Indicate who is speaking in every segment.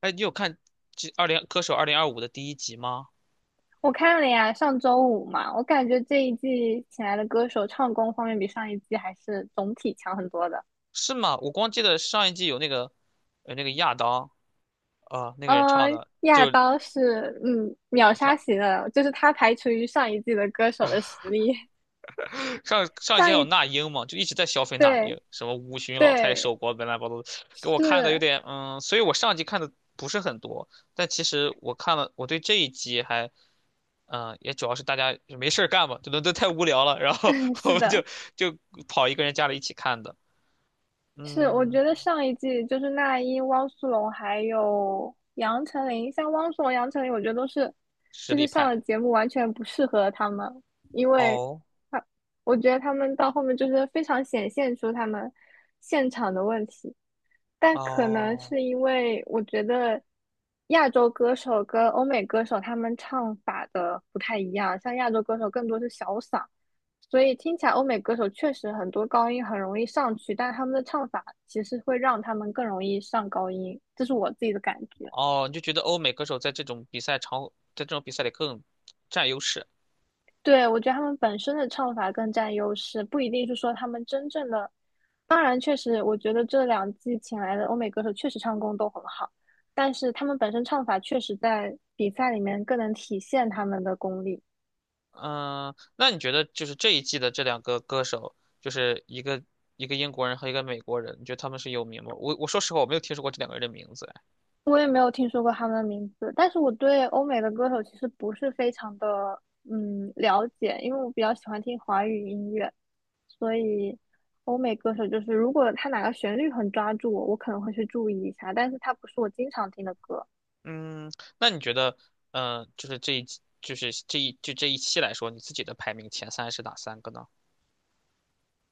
Speaker 1: 哎，你有看这歌手2025的第一集吗？
Speaker 2: 我看了呀，上周五嘛，我感觉这一季请来的歌手唱功方面比上一季还是总体强很多的。
Speaker 1: 是吗？我光记得上一季有那个，那个亚当啊、那个人唱
Speaker 2: 嗯、
Speaker 1: 的，
Speaker 2: 亚
Speaker 1: 就是
Speaker 2: 当是
Speaker 1: 怎
Speaker 2: 秒
Speaker 1: 么唱？
Speaker 2: 杀型的，就是他排除于上一季的歌手的实力。
Speaker 1: 上一季
Speaker 2: 上
Speaker 1: 还有
Speaker 2: 一
Speaker 1: 那英嘛，就一直在消费那
Speaker 2: 对
Speaker 1: 英，什么五旬老太
Speaker 2: 对
Speaker 1: 守国，本来把都给我看的有
Speaker 2: 是
Speaker 1: 点，所以我上一季看的不是很多，但其实我看了，我对这一集还，也主要是大家没事儿干嘛，就伦都太无聊了，然后 我
Speaker 2: 是
Speaker 1: 们
Speaker 2: 的，
Speaker 1: 就跑一个人家里一起看的，
Speaker 2: 是，我
Speaker 1: 嗯，
Speaker 2: 觉得上一季就是那英、汪苏泷还有杨丞琳，像汪苏泷、杨丞琳，我觉得都是
Speaker 1: 实
Speaker 2: 就
Speaker 1: 力
Speaker 2: 是上了
Speaker 1: 派
Speaker 2: 节目完全不适合他们，因为
Speaker 1: 哦。
Speaker 2: 他我觉得他们到后面就是非常显现出他们现场的问题，但可能
Speaker 1: 哦
Speaker 2: 是因为我觉得亚洲歌手跟欧美歌手他们唱法的不太一样，像亚洲歌手更多是小嗓，所以听起来欧美歌手确实很多高音很容易上去，但他们的唱法其实会让他们更容易上高音，这是我自己的感觉。
Speaker 1: 哦，你就觉得欧美歌手在这种比赛场，在这种比赛里更占优势。
Speaker 2: 对，我觉得他们本身的唱法更占优势，不一定是说他们真正的。当然，确实，我觉得这两季请来的欧美歌手确实唱功都很好，但是他们本身唱法确实在比赛里面更能体现他们的功力。
Speaker 1: 嗯，那你觉得就是这一季的这两个歌手，就是一个一个英国人和一个美国人，你觉得他们是有名吗？我说实话，我没有听说过这两个人的名字。哎
Speaker 2: 我也没有听说过他们的名字，但是我对欧美的歌手其实不是非常的了解，因为我比较喜欢听华语音乐，所以欧美歌手就是如果他哪个旋律很抓住我，我可能会去注意一下，但是他不是我经常听的歌。
Speaker 1: 嗯，那你觉得，就是这一季，就是这一就这一期来说，你自己的排名前三是哪三个呢？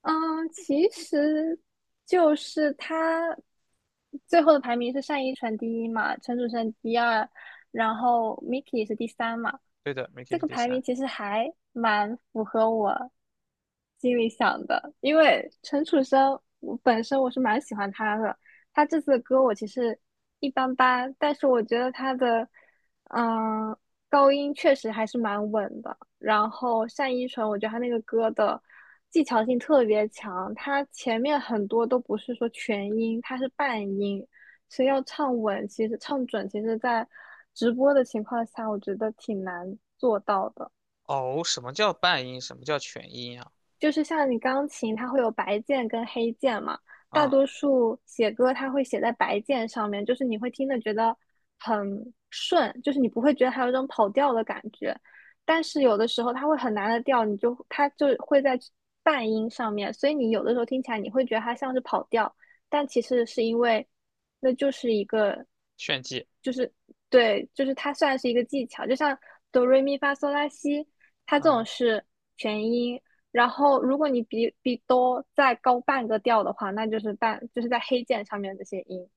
Speaker 2: 嗯，其实就是他最后的排名是单依纯第一嘛，陈楚生第二，然后 Miki 是第三嘛。
Speaker 1: 对的 MI
Speaker 2: 这
Speaker 1: 是
Speaker 2: 个
Speaker 1: 第
Speaker 2: 排
Speaker 1: 三。
Speaker 2: 名其实还蛮符合我心里想的，因为陈楚生我本身我是蛮喜欢他的，他这次的歌我其实一般般，但是我觉得他的嗯高音确实还是蛮稳的。然后单依纯，我觉得她那个歌的技巧性特别强，她前面很多都不是说全音，她是半音，所以要唱稳，其实唱准，其实在直播的情况下，我觉得挺难做到的。
Speaker 1: 哦，什么叫半音？什么叫全音啊？
Speaker 2: 就是像你钢琴，它会有白键跟黑键嘛，大
Speaker 1: 嗯，
Speaker 2: 多数写歌它会写在白键上面，就是你会听的觉得很顺，就是你不会觉得它有一种跑调的感觉。但是有的时候它会很难的调，你就它就会在半音上面，所以你有的时候听起来你会觉得它像是跑调，但其实是因为那就是一个
Speaker 1: 炫技。
Speaker 2: 对，就是它算是一个技巧，就像哆瑞咪发嗦拉西，它这种
Speaker 1: 嗯。
Speaker 2: 是全音。然后，如果你比哆再高半个调的话，那就是半，就是在黑键上面这些音。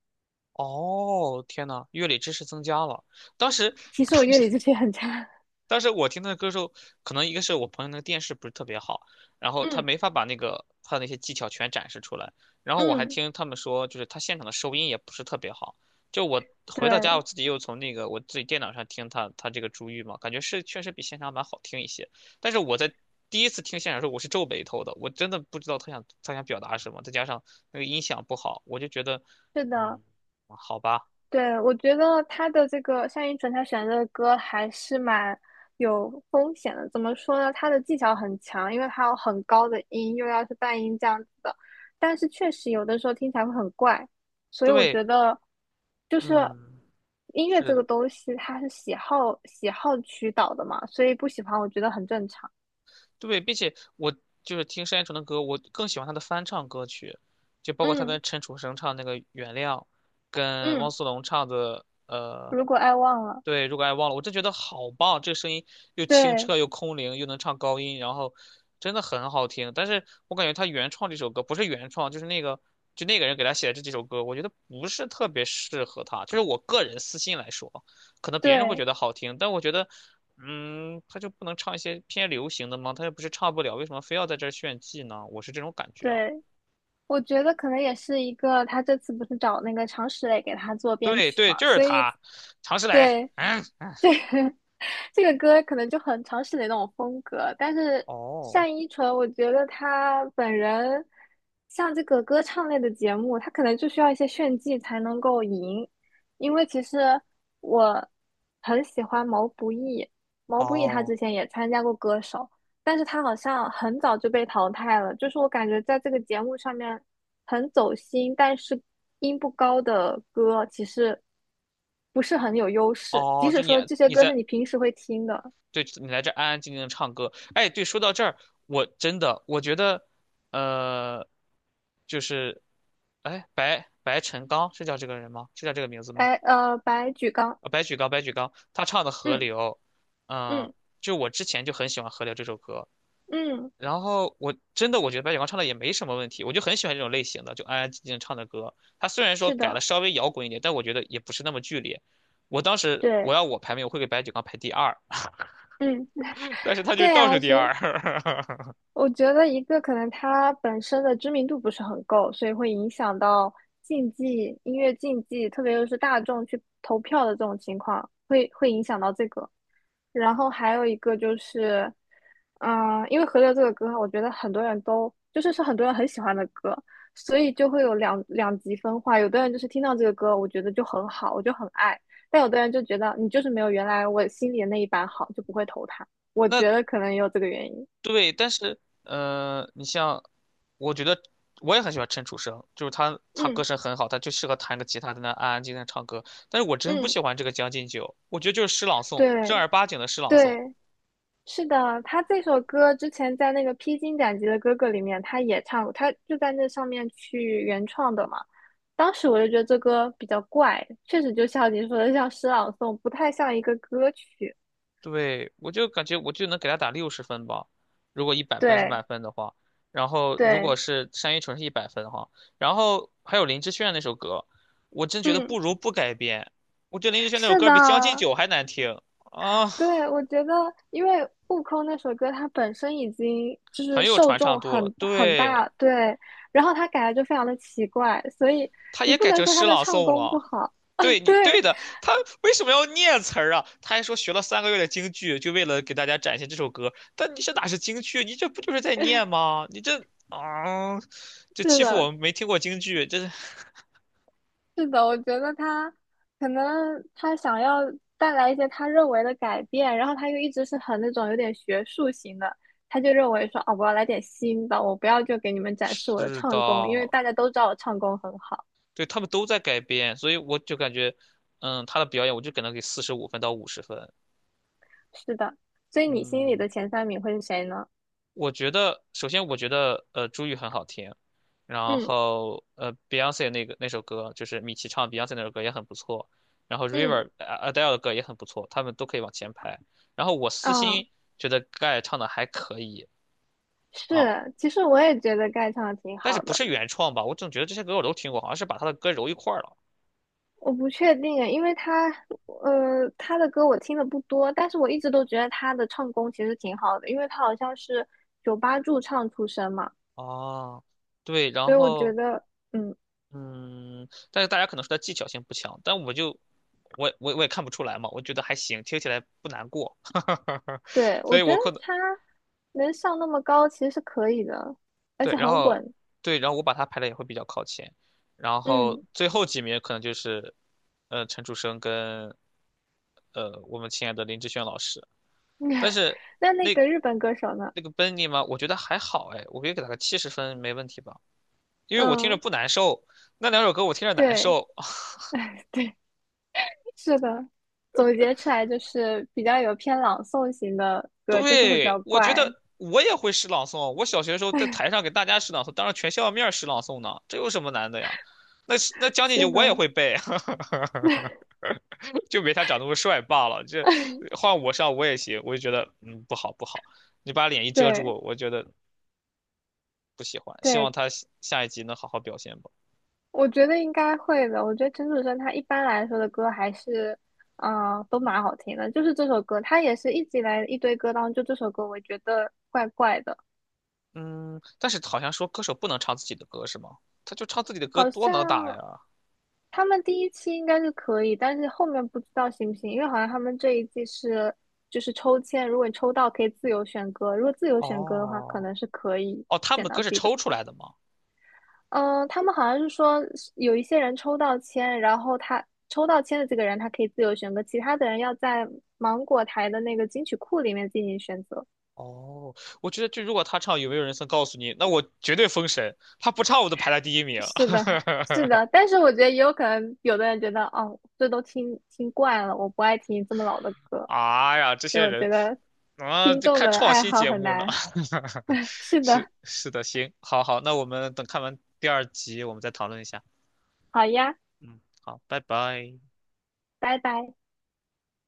Speaker 1: 哦，天呐，乐理知识增加了。当时，
Speaker 2: 其实我乐理这些很差。
Speaker 1: 我听他的歌时候，可能一个是我朋友那个电视不是特别好，然后他
Speaker 2: 嗯
Speaker 1: 没法把那个他的那些技巧全展示出来。然后我还
Speaker 2: 嗯，
Speaker 1: 听他们说，就是他现场的收音也不是特别好。就我回到家，我
Speaker 2: 对，
Speaker 1: 自己又从那个我自己电脑上听他这个《珠玉》嘛，感觉是确实比现场版好听一些。但是我在第一次听现场的时候，我是皱眉头的，我真的不知道他想表达什么，再加上那个音响不好，我就觉得，
Speaker 2: 是的，
Speaker 1: 嗯，好吧。
Speaker 2: 对，我觉得他的这个单依纯，他选的歌还是蛮有风险的。怎么说呢？他的技巧很强，因为他有很高的音，又要是半音这样子的。但是确实有的时候听起来会很怪，所以我
Speaker 1: 对，
Speaker 2: 觉得就是
Speaker 1: 嗯，
Speaker 2: 音乐
Speaker 1: 是
Speaker 2: 这个
Speaker 1: 的，
Speaker 2: 东西，它是喜好驱导的嘛，所以不喜欢我觉得很正常。
Speaker 1: 对，并且我就是听单依纯的歌，我更喜欢她的翻唱歌曲，就包括她
Speaker 2: 嗯
Speaker 1: 跟陈楚生唱那个《原谅》，跟汪
Speaker 2: 嗯，
Speaker 1: 苏泷唱的
Speaker 2: 如果爱忘了，
Speaker 1: 对，如果爱忘了，我真觉得好棒，这个声音又清
Speaker 2: 对
Speaker 1: 澈又空灵，又能唱高音，然后真的很好听。但是我感觉她原创这首歌不是原创，就是那个就那个人给她写的这几首歌，我觉得不是特别适合她，就是我个人私心来说。可能别人会觉
Speaker 2: 对
Speaker 1: 得好听，但我觉得，他就不能唱一些偏流行的吗？他又不是唱不了，为什么非要在这儿炫技呢？我是这种感觉啊。
Speaker 2: 对。我觉得可能也是一个，他这次不是找那个常石磊给他做编
Speaker 1: 对
Speaker 2: 曲
Speaker 1: 对，
Speaker 2: 嘛，
Speaker 1: 就是
Speaker 2: 所以
Speaker 1: 他，常石磊。
Speaker 2: 对这个 这个歌可能就很常石磊那种风格。但是
Speaker 1: 哦。
Speaker 2: 单依纯，我觉得他本人像这个歌唱类的节目，他可能就需要一些炫技才能够赢。因为其实我很喜欢毛不易，毛不易他
Speaker 1: 哦
Speaker 2: 之前也参加过歌手，但是他好像很早就被淘汰了，就是我感觉在这个节目上面很走心，但是音不高的歌其实不是很有优势，即
Speaker 1: 哦，
Speaker 2: 使
Speaker 1: 就你
Speaker 2: 说这些
Speaker 1: 你
Speaker 2: 歌是
Speaker 1: 在
Speaker 2: 你平时会听的，
Speaker 1: 对你来这安安静静的唱歌。哎，对，说到这儿，我真的我觉得，呃，就是，哎，白晨刚是叫这个人吗？是叫这个名字吗？
Speaker 2: 白举纲，
Speaker 1: 白举纲，他唱的《河
Speaker 2: 嗯
Speaker 1: 流》，嗯，
Speaker 2: 嗯
Speaker 1: 就我之前就很喜欢《河流》这首歌，
Speaker 2: 嗯，
Speaker 1: 然后我真的我觉得白举纲唱的也没什么问题，我就很喜欢这种类型的，就安安静静唱的歌。他虽然说
Speaker 2: 是
Speaker 1: 改
Speaker 2: 的，
Speaker 1: 了稍微摇滚一点，但我觉得也不是那么剧烈。我当时我
Speaker 2: 对，
Speaker 1: 要我排名，我会给白举纲排第二，
Speaker 2: 嗯
Speaker 1: 但是他就是
Speaker 2: 对
Speaker 1: 倒数
Speaker 2: 啊，
Speaker 1: 第
Speaker 2: 所以
Speaker 1: 二。
Speaker 2: 我觉得一个可能他本身的知名度不是很够，所以会影响到竞技音乐竞技，特别又是大众去投票的这种情况，会影响到这个。然后还有一个就是，因为《河流》这个歌，我觉得很多人都就是是很多人很喜欢的歌，所以就会有两极分化。有的人就是听到这个歌，我觉得就很好，我就很爱；但有的人就觉得你就是没有原来我心里的那一版好，就不会投他。我
Speaker 1: 那
Speaker 2: 觉得可能也有这个原因。
Speaker 1: 对，但是你像，我觉得我也很喜欢陈楚生，就是他歌
Speaker 2: 嗯
Speaker 1: 声很好，他就适合弹个吉他在那安安静静地唱歌。但是我真不
Speaker 2: 嗯，
Speaker 1: 喜欢这个《将进酒》，我觉得就是诗朗诵，
Speaker 2: 对
Speaker 1: 正儿八经的诗朗诵。
Speaker 2: 对是的，他这首歌之前在那个《披荆斩棘的哥哥》里面他也唱过，他就在那上面去原创的嘛。当时我就觉得这歌比较怪，确实就像你说的，像诗朗诵，不太像一个歌曲。
Speaker 1: 对，我就感觉我就能给他打60分吧，如果一百分是满
Speaker 2: 对
Speaker 1: 分的话，然后如果
Speaker 2: 对，
Speaker 1: 是单依纯是一百分哈，然后还有林志炫那首歌，我真觉得不
Speaker 2: 嗯，
Speaker 1: 如不改编，我觉得林志炫那首
Speaker 2: 是
Speaker 1: 歌
Speaker 2: 的，
Speaker 1: 比《将进酒》还难听啊，
Speaker 2: 对，我觉得因为《悟空》那首歌它本身已经就是
Speaker 1: 很有
Speaker 2: 受
Speaker 1: 传唱
Speaker 2: 众
Speaker 1: 度了，
Speaker 2: 很
Speaker 1: 对。
Speaker 2: 大，对，然后他改的就非常的奇怪，所以
Speaker 1: 他
Speaker 2: 你
Speaker 1: 也
Speaker 2: 不
Speaker 1: 改
Speaker 2: 能
Speaker 1: 成
Speaker 2: 说他
Speaker 1: 诗
Speaker 2: 的
Speaker 1: 朗
Speaker 2: 唱
Speaker 1: 诵
Speaker 2: 功不
Speaker 1: 了。
Speaker 2: 好。
Speaker 1: 对。 你对
Speaker 2: 对，
Speaker 1: 的，他为什么要念词儿啊？他还说学了3个月的京剧，就为了给大家展现这首歌。但你这哪是京剧？你这不就是在念吗？你这啊，这
Speaker 2: 是
Speaker 1: 欺负我
Speaker 2: 的，
Speaker 1: 们没听过京剧，这是
Speaker 2: 是的，我觉得他可能他想要带来一些他认为的改变，然后他又一直是很那种有点学术型的，他就认为说啊，我要来点新的，我不要就给你们 展示我的
Speaker 1: 是的，
Speaker 2: 唱功，因为大家都知道我唱功很好。
Speaker 1: 对他们都在改编，所以我就感觉，他的表演我就给他给45分到50分，
Speaker 2: 是的，所以你心里
Speaker 1: 嗯。
Speaker 2: 的前三名会是谁呢？
Speaker 1: 我觉得，首先我觉得，朱玉很好听，然
Speaker 2: 嗯
Speaker 1: 后Beyonce 那个那首歌，就是米奇唱 Beyonce 那首歌也很不错，然后
Speaker 2: 嗯
Speaker 1: River Adele 的歌也很不错，他们都可以往前排。然后我私
Speaker 2: 嗯，
Speaker 1: 心觉得盖唱的还可以啊，
Speaker 2: 是，其实我也觉得盖唱的挺
Speaker 1: 但是
Speaker 2: 好
Speaker 1: 不
Speaker 2: 的。
Speaker 1: 是原创吧？我总觉得这些歌我都听过，好像是把他的歌揉一块儿了
Speaker 2: 我不确定诶，因为他，呃，他的歌我听的不多，但是我一直都觉得他的唱功其实挺好的，因为他好像是酒吧驻唱出身嘛，
Speaker 1: 啊。对，然
Speaker 2: 所以我觉
Speaker 1: 后。
Speaker 2: 得，嗯，
Speaker 1: 嗯，但是大家可能说他技巧性不强，但我就我也看不出来嘛，我觉得还行，听起来不难过，
Speaker 2: 对，
Speaker 1: 所
Speaker 2: 我
Speaker 1: 以
Speaker 2: 觉
Speaker 1: 我
Speaker 2: 得
Speaker 1: 可能
Speaker 2: 他能上那么高其实是可以的，而
Speaker 1: 对，
Speaker 2: 且
Speaker 1: 然
Speaker 2: 很
Speaker 1: 后
Speaker 2: 稳，
Speaker 1: 对，然后我把他排的也会比较靠前，然后
Speaker 2: 嗯。
Speaker 1: 最后几名可能就是陈楚生跟我们亲爱的林志炫老师，但是
Speaker 2: 那那
Speaker 1: 那
Speaker 2: 个日本歌手呢？
Speaker 1: 那个 Benny 嘛，我觉得还好哎，我可以给他个70分没问题吧，因为我听着
Speaker 2: 嗯，
Speaker 1: 不难受，那两首歌我听着难
Speaker 2: 对，
Speaker 1: 受，
Speaker 2: 哎，对，是的，总结出来就是比较有偏朗诵型的歌，就是会比较
Speaker 1: 对，我觉
Speaker 2: 怪，
Speaker 1: 得我也会诗朗诵。我小学的时候在台上给大家诗朗诵，当着全校面儿诗朗诵呢，这有什么难的呀？那将进
Speaker 2: 是
Speaker 1: 酒我也
Speaker 2: 的，
Speaker 1: 会背，就没他长那么帅罢了。这换我上我也行，我就觉得不好不好，你把脸一遮住，
Speaker 2: 对。
Speaker 1: 我觉得不喜欢。希望
Speaker 2: 对，
Speaker 1: 他下下一集能好好表现吧。
Speaker 2: 我觉得应该会的。我觉得陈楚生他一般来说的歌还是，都蛮好听的。就是这首歌，他也是一直以来一堆歌当中，就这首歌我觉得怪怪的，
Speaker 1: 嗯，但是好像说歌手不能唱自己的歌是吗？他就唱自己的歌
Speaker 2: 好
Speaker 1: 多能打
Speaker 2: 像
Speaker 1: 呀。
Speaker 2: 他们第一期应该是可以，但是后面不知道行不行，因为好像他们这一季是就是抽签，如果你抽到可以自由选歌，如果自由选歌的话，可
Speaker 1: 哦。
Speaker 2: 能是可以
Speaker 1: 哦，他们
Speaker 2: 选
Speaker 1: 的
Speaker 2: 到
Speaker 1: 歌
Speaker 2: 自
Speaker 1: 是
Speaker 2: 己的
Speaker 1: 抽出
Speaker 2: 歌。
Speaker 1: 来的吗？
Speaker 2: 嗯，他们好像是说有一些人抽到签，然后他抽到签的这个人，他可以自由选择，其他的人要在芒果台的那个金曲库里面进行选择。
Speaker 1: 哦，我觉得就如果他唱《有没有人曾告诉你》，那我绝对封神。他不唱，我都排在第一名。
Speaker 2: 是的，是的，但是我觉得也有可能，有的人觉得哦，这都听听惯了，我不爱听这么老的歌，
Speaker 1: 啊呀，这
Speaker 2: 所以
Speaker 1: 些
Speaker 2: 我觉
Speaker 1: 人
Speaker 2: 得
Speaker 1: 啊，
Speaker 2: 听
Speaker 1: 这
Speaker 2: 众
Speaker 1: 看
Speaker 2: 的
Speaker 1: 创
Speaker 2: 爱
Speaker 1: 新
Speaker 2: 好
Speaker 1: 节
Speaker 2: 很
Speaker 1: 目呢。
Speaker 2: 难。是的，
Speaker 1: 是的，行，好好，那我们等看完第二集，我们再讨论一下。
Speaker 2: 好呀，
Speaker 1: 嗯，好，拜拜。
Speaker 2: 拜拜。